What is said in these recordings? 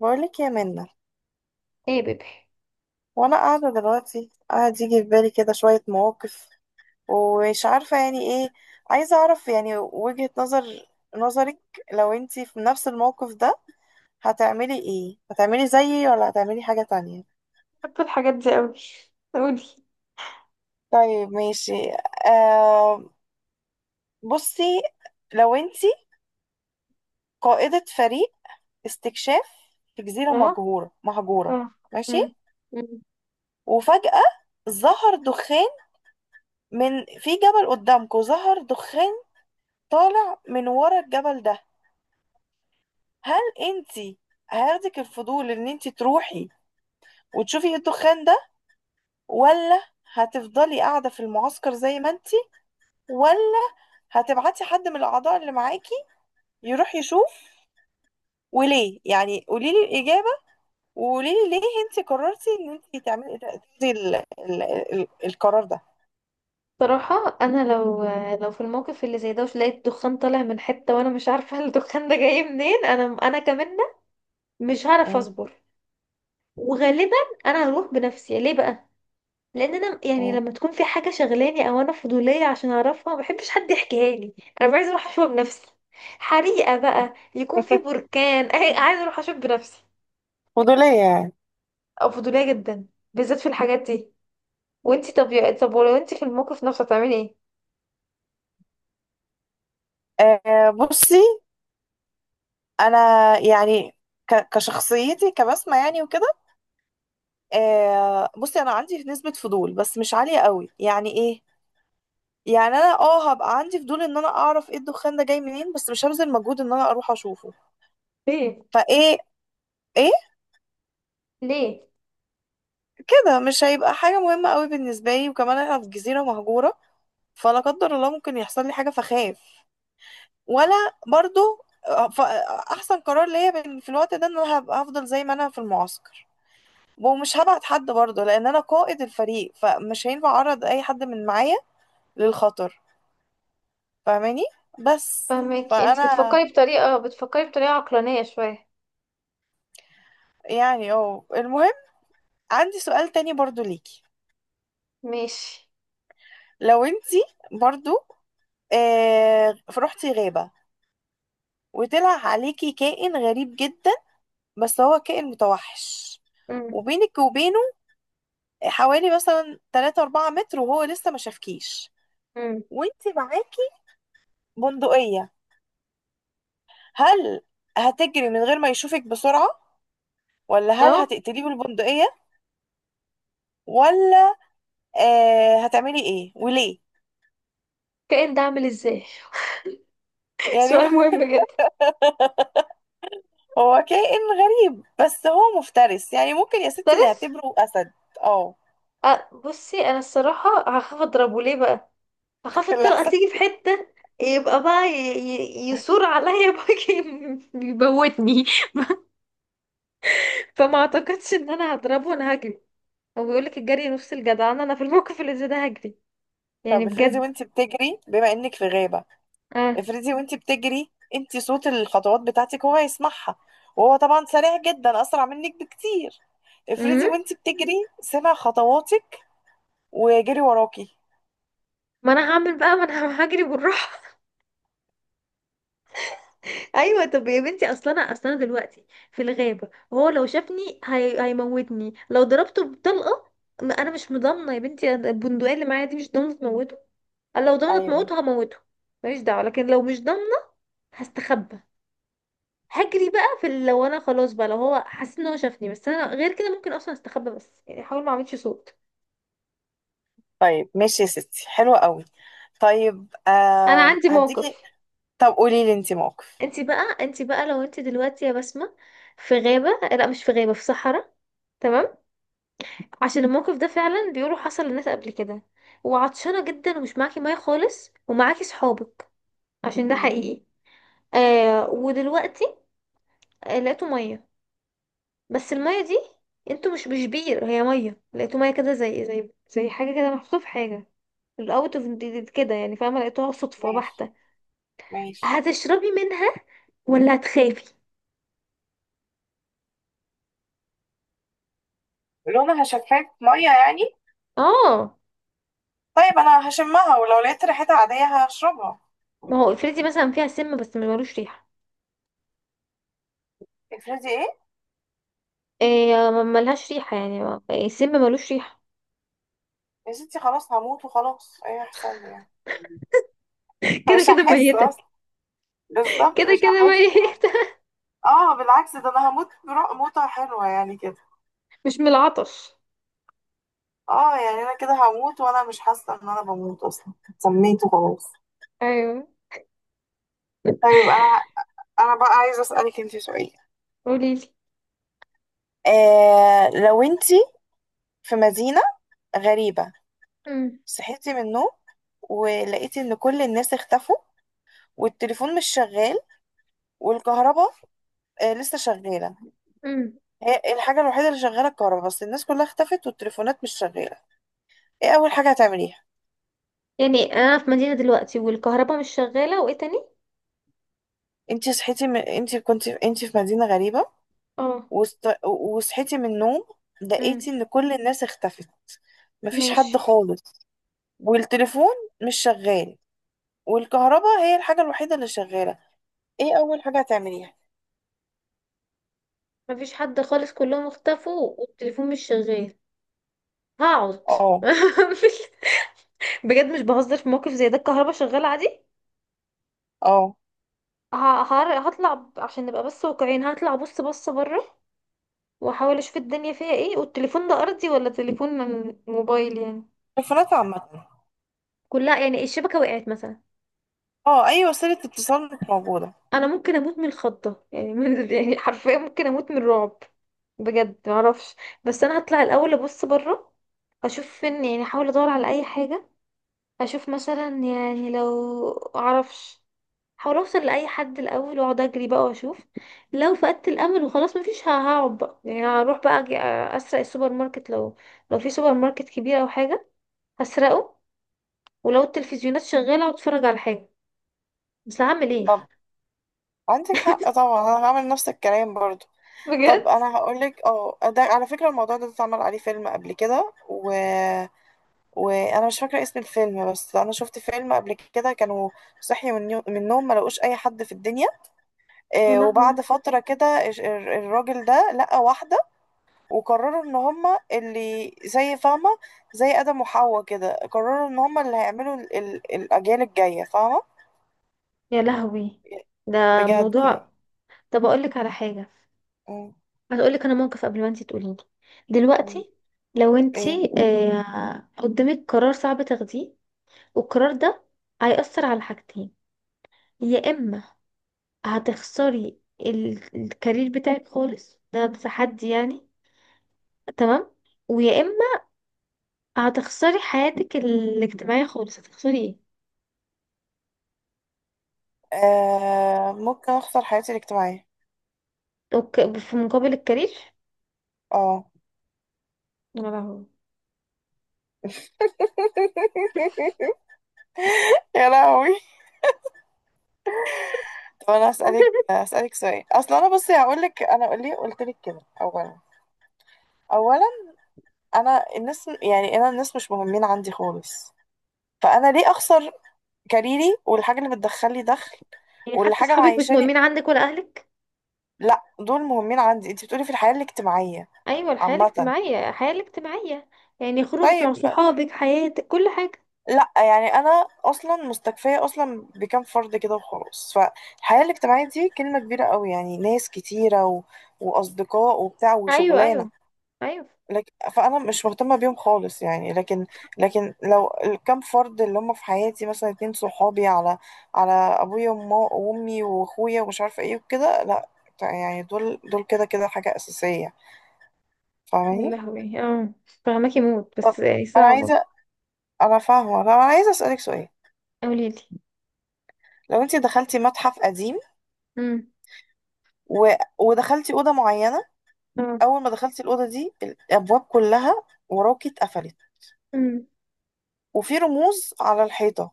بقولك يا منة، ايه يا بيبي. وانا قاعدة دلوقتي قاعد يجي في بالي كده شوية مواقف ومش عارفة يعني ايه. عايزة اعرف يعني وجهة نظرك لو انتي في نفس الموقف ده. هتعملي ايه؟ هتعملي زيي ولا هتعملي حاجة تانية؟ بحب الحاجات دي قوي. قولي. طيب ماشي. آه، بصي، لو انتي قائدة فريق استكشاف في جزيرة اه، مهجورة، اه. ماشي، مم. مم. وفجأة ظهر دخان، في جبل قدامكم ظهر دخان طالع من ورا الجبل ده. هل انتي هياخدك الفضول ان انتي تروحي وتشوفي ايه الدخان ده، ولا هتفضلي قاعدة في المعسكر زي ما انتي، ولا هتبعتي حد من الأعضاء اللي معاكي يروح يشوف؟ وليه يعني؟ قوليلي الإجابة وقوليلي ليه انتي قررتي ان انتي تاخدي القرار ده. صراحة أنا لو في الموقف اللي زي ده وش لقيت دخان طالع من حتة وأنا مش عارفة الدخان ده جاي منين، أنا كمان مش هعرف م- أصبر. وغالبا أنا هروح بنفسي. ليه بقى؟ لأن أنا يعني م- لما تكون في حاجة شغلاني أو أنا فضولية عشان أعرفها ما بحبش حد يحكيها لي. أنا عايزة أروح أشوفها بنفسي. حريقة بقى يكون في بركان عايزة أروح أشوف بنفسي. فضولية يعني. أو فضولية جدا، بالذات في الحاجات دي. وانت طب ولو انت في الموقف نفسه هتعملي ايه؟ آه بصي، أنا يعني كشخصيتي كبسمة يعني وكده. آه بصي، انا عندي نسبة فضول بس مش عالية قوي. يعني ايه؟ يعني انا اه هبقى عندي فضول ان انا اعرف ايه الدخان ده جاي منين، بس مش هبذل مجهود ان انا اروح اشوفه. ليه؟ فايه ايه ليه؟ كده؟ مش هيبقى حاجة مهمة قوي بالنسبة لي، وكمان احنا في جزيرة مهجورة، فلا قدر الله ممكن يحصل لي حاجة فخاف. ولا برضو، آه، ف- احسن قرار ليا في الوقت ده ان انا هفضل زي ما انا في المعسكر، ومش هبعت حد برضه لان انا قائد الفريق فمش هينفع اعرض اي حد من معايا للخطر. فاهماني؟ بس. فاهمك. انت فانا بتفكري بطريقه، بتفكري بطريقه عقلانيه شويه. يعني اه المهم، عندي سؤال تاني برضو ليكي. ماشي. لو انتي برضو آه رحتي غابة وطلع عليكي كائن غريب جدا، بس هو كائن متوحش، امم وبينك وبينه حوالي مثلا 3 4 متر وهو لسه ما شافكيش، امم وانتي معاكي بندقية. هل هتجري من غير ما يشوفك بسرعة، ولا هل اهو. هتقتليه بالبندقية، ولا؟ آه، هتعملي ايه وليه؟ كائن ده عامل ازاي يعني سؤال مهم جدا. هو كائن غريب بس هو مفترس، يعني ممكن يا ستي ستريس. نعتبره أسد. اه، أه بصي، انا الصراحه هخاف اضربه. ليه بقى؟ هخاف الطلقه الأحسن. تيجي في حته، يبقى بقى يثور عليا بقى. يموتني. فما اعتقدش ان انا هضربه، انا هجري. هو بيقولك الجري نفس الجدعنه. انا في الموقف اللي زي ده هجري، يعني طب افرضي بجد. وانت بتجري، بما انك في غابة، افرضي وانت بتجري انت صوت الخطوات بتاعتك هو يسمعها، وهو طبعا سريع جدا أسرع منك بكتير. افرضي امم وانت بتجري سمع خطواتك وجري وراكي. ما انا هعمل بقى، ما انا هجري بالراحه. ايوه طب يا بنتي، اصل انا دلوقتي في الغابه، وهو لو شافني هيموتني لو ضربته بطلقه. ما انا مش مضامنه يا بنتي البندقيه اللي معايا دي مش ضامنه تموته. أنا لو ضامنه ايوه. تموته هموته، ماليش دعوه. لكن لو مش ضامنه هستخبى، هجري بقى في لو انا خلاص بقى، لو هو حاسس ان هو شافني بس انا غير كده ممكن اصلا استخبى، بس يعني احاول ما اعملش صوت. طيب ماشي يا ستي، حلوة قوي. طيب انا آه عندي موقف. هديكي. طب قولي لي انت انت بقى، لو انت دلوقتي يا بسمة في غابة، لا مش في غابة، في صحراء. تمام. عشان الموقف ده موقف. فعلا بيقولوا حصل للناس قبل كده. وعطشانة جدا ومش معاكي مية خالص ومعاكي صحابك، عشان ده حقيقي. آه ودلوقتي آه لقيتوا مية. بس المية دي انتوا مش بير، هي مية لقيتوا مية كده زي زي حاجة كده محطوطة في حاجة. الاوت اوف، كده يعني فاهمة. لقيتوها صدفة ماشي بحتة. ماشي. هتشربي منها ولا هتخافي؟ لونها شفاف ميه يعني؟ اه. طيب انا هشمها، ولو لقيت ريحتها عاديه هشربها. ما هو افرضي مثلا فيها سم بس ما ملوش ريحة. افرضي ايه؟ إيه ملهاش ريحة، يعني السم ملوش ريحة. يا ستي خلاص هموت وخلاص، ايه هيحصل لي يعني؟ كده مش كده هحس ميتة. اصلا، بالظبط كده مش كده هحس يعني. ميتة. اه بالعكس، ده انا هموت موتة حلوة يعني كده. مش من العطش. اه يعني انا كده هموت وانا مش حاسة ان انا بموت اصلا، سميت وخلاص. ايوه. طيب انا، انا بقى عايزة اسألك انتي سؤال. قوليلي. آه لو انتي في مدينة غريبة امم صحيت من النوم ولقيت ان كل الناس اختفوا، والتليفون مش شغال، والكهرباء آه، لسه شغالة. امم هي الحاجة الوحيدة اللي شغالة الكهرباء، بس الناس كلها اختفت والتليفونات مش شغالة. ايه أول حاجة هتعمليها؟ يعني انا في مدينة دلوقتي والكهرباء مش شغالة وايه تاني؟ انتي كنت انتي في مدينة غريبة، اه. وصحيتي من النوم امم لقيتي ان كل الناس اختفت، مفيش ماشي. حد خالص، والتليفون مش شغال، والكهرباء هي الحاجة الوحيدة اللي شغالة. ايه أول حاجة هتعمليها؟ مفيش حد خالص، كلهم اختفوا والتليفون مش شغال. هقعد. اه. مش- بجد مش بهزر، في موقف زي ده الكهرباء شغالة عادي. اه ه- هطلع عشان نبقى بس واقعيين، هطلع بص بص بره. واحاول اشوف الدنيا فيها ايه. والتليفون ده ارضي ولا تليفون من موبايل يعني؟ تليفونات عامة، كلها يعني، الشبكة وقعت مثلا. اه اي وسيلة اتصال مش موجودة. انا ممكن اموت من الخضة يعني من يعني حرفيا ممكن اموت من الرعب. بجد معرفش. بس انا هطلع الاول ابص بره، اشوف فين. يعني احاول ادور على اي حاجة. اشوف مثلا، يعني لو معرفش، احاول اوصل لاي حد الاول. واقعد اجري بقى واشوف. لو فقدت الامل وخلاص مفيش، هقعد بقى. يعني هروح بقى أجي اسرق السوبر ماركت، لو في سوبر ماركت كبير او حاجة هسرقه. ولو التلفزيونات شغالة واتفرج على حاجة. بس هعمل ايه؟ طب عندك حق طبعا، انا هعمل نفس الكلام برضو. طب بجد. انا هقولك، اه ده على فكرة الموضوع ده اتعمل عليه فيلم قبل كده، وانا مش فاكرة اسم الفيلم، بس انا شفت فيلم قبل كده كانوا صحيوا من النوم ما لقوش اي حد في الدنيا. يا آه، لهوي. وبعد فترة كده الراجل ده لقى واحدة، وقرروا ان هما اللي زي، فاهمة، زي آدم وحواء كده، قرروا ان هما اللي هيعملوا الاجيال الجاية، فاهمة؟ يا لهوي، ده بجد يعني. موضوع. طب اقول لك على حاجه. مم. هقول لك انا موقف قبل ما انت تقولي لي. مم. دلوقتي لو انت ايه. آه قدامك قرار صعب تاخديه، والقرار ده هيأثر على حاجتين. يا اما هتخسري الكارير بتاعك خالص، ده تحدي يعني. تمام. ويا اما هتخسري حياتك الاجتماعيه خالص. هتخسري ايه؟ آه ممكن اخسر حياتي الاجتماعية. اوكي في مقابل الكارير. اه يا لهوي. يا لهوي. طب انا اسالك اسالك سؤال. اصلا انا بصي هقول لك انا ليه قلت لك كده. اولا، اولا، انا الناس، يعني انا الناس مش مهمين عندي خالص، فانا ليه اخسر كاريري والحاجه اللي بتدخل لي دخل يعني واللي حتى حاجه اصحابك مش معيشاني. مهمين عندك ولا اهلك؟ لا دول مهمين عندي، انت بتقولي في الحياه الاجتماعيه ايوه الحياه عامه. الاجتماعيه، الحياه الاجتماعيه، يعني خروجك طيب، مع صحابك، حياتك كل حاجه. لا يعني انا اصلا مستكفيه اصلا بكام فرد كده وخلاص، فالحياه الاجتماعيه دي كلمه كبيره قوي، يعني ناس كتيره واصدقاء وبتاع ايوه. وشغلانه. ايوه. ايوه. فانا مش مهتمه بيهم خالص يعني، لكن لكن لو الكام فرد اللي هم في حياتي، مثلا اتنين صحابي على على ابويا وامي واخويا ومش عارفه ايه وكده، لا. يعني دول دول كده كده حاجه اساسيه. يا فاهماني؟ لهوي. اه فهماكي موت طب بس يعني انا صعبه. عايزه، انا فاهمه، طب انا عايزه اسالك سؤال. قولي لي. لو انت دخلتي متحف قديم، امم و... ودخلتي اوضه معينه، اه. اول ما دخلتي الاوضه دي الابواب كلها وراكي اتقفلت، امم وفي رموز على الحيطه،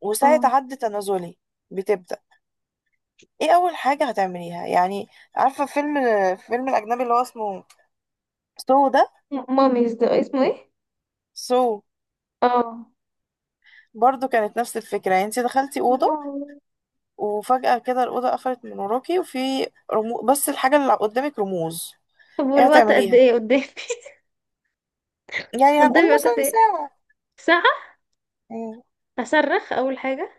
وساعه اه. عد تنازلي بتبدا. ايه اول حاجه هتعمليها يعني؟ عارفه فيلم، فيلم الاجنبي اللي هو اسمه سو ده. ماميز ده اسمه ايه؟ سو، اه. برضو كانت نفس الفكره، يعني انت دخلتي يا اوضه لهوي. وفجاه كده الاوضه قفلت من وراكي، بس الحاجه اللي قدامك رموز. طب ايه والوقت قد هتعمليها ايه قدامي؟ يعني؟ هنقول قدامي وقت قد مثلا ايه؟ ساعه. ساعه. مم. اصرخ اول حاجه.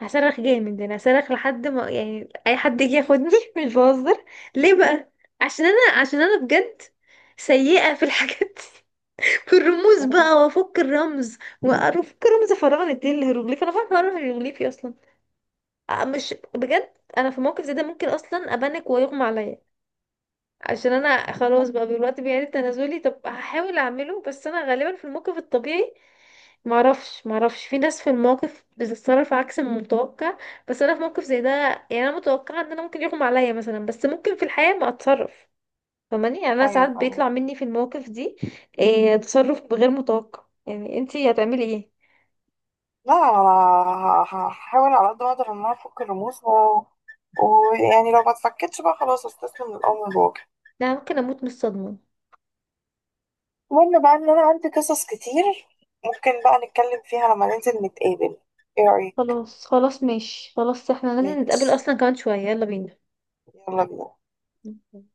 هصرخ جامد. انا هصرخ لحد ما يعني اي حد يجي ياخدني. مش بهزر. ليه بقى؟ عشان انا بجد سيئة في الحاجات دي. والرموز مم. بقى، وافك الرمز، وافك رمز فراعنة دي الهيروغليف؟ انا فاهمة اعرف الهيروغليفي اصلا؟ مش بجد، انا في موقف زي ده ممكن اصلا ابانك ويغمى عليا. عشان انا خلاص بقى دلوقتي بيعيد تنازلي، طب هحاول اعمله. بس انا غالبا في الموقف الطبيعي معرفش، معرفش. في ناس في الموقف بتتصرف عكس المتوقع، بس انا في موقف زي ده يعني انا متوقعه ان انا ممكن يغمى عليا مثلا. بس ممكن في الحياه ما اتصرف فماني. يعني انا ايوه ساعات فاهمة. بيطلع مني في المواقف دي إيه تصرف غير متوقع. يعني انتي هتعملي ايه؟ لا انا هحاول على قد ما اقدر ان انا افك الرموز ويعني لو ما اتفكتش بقى خلاص استسلم للامر الواقع. لا ممكن اموت من الصدمه. المهم بقى ان انا عندي قصص كتير، ممكن بقى نتكلم فيها لما ننزل نتقابل. ايه رايك؟ خلاص خلاص ماشي خلاص، احنا لازم نتقابل ماشي، اصلا كمان شويه. يلا يلا بينا. بينا.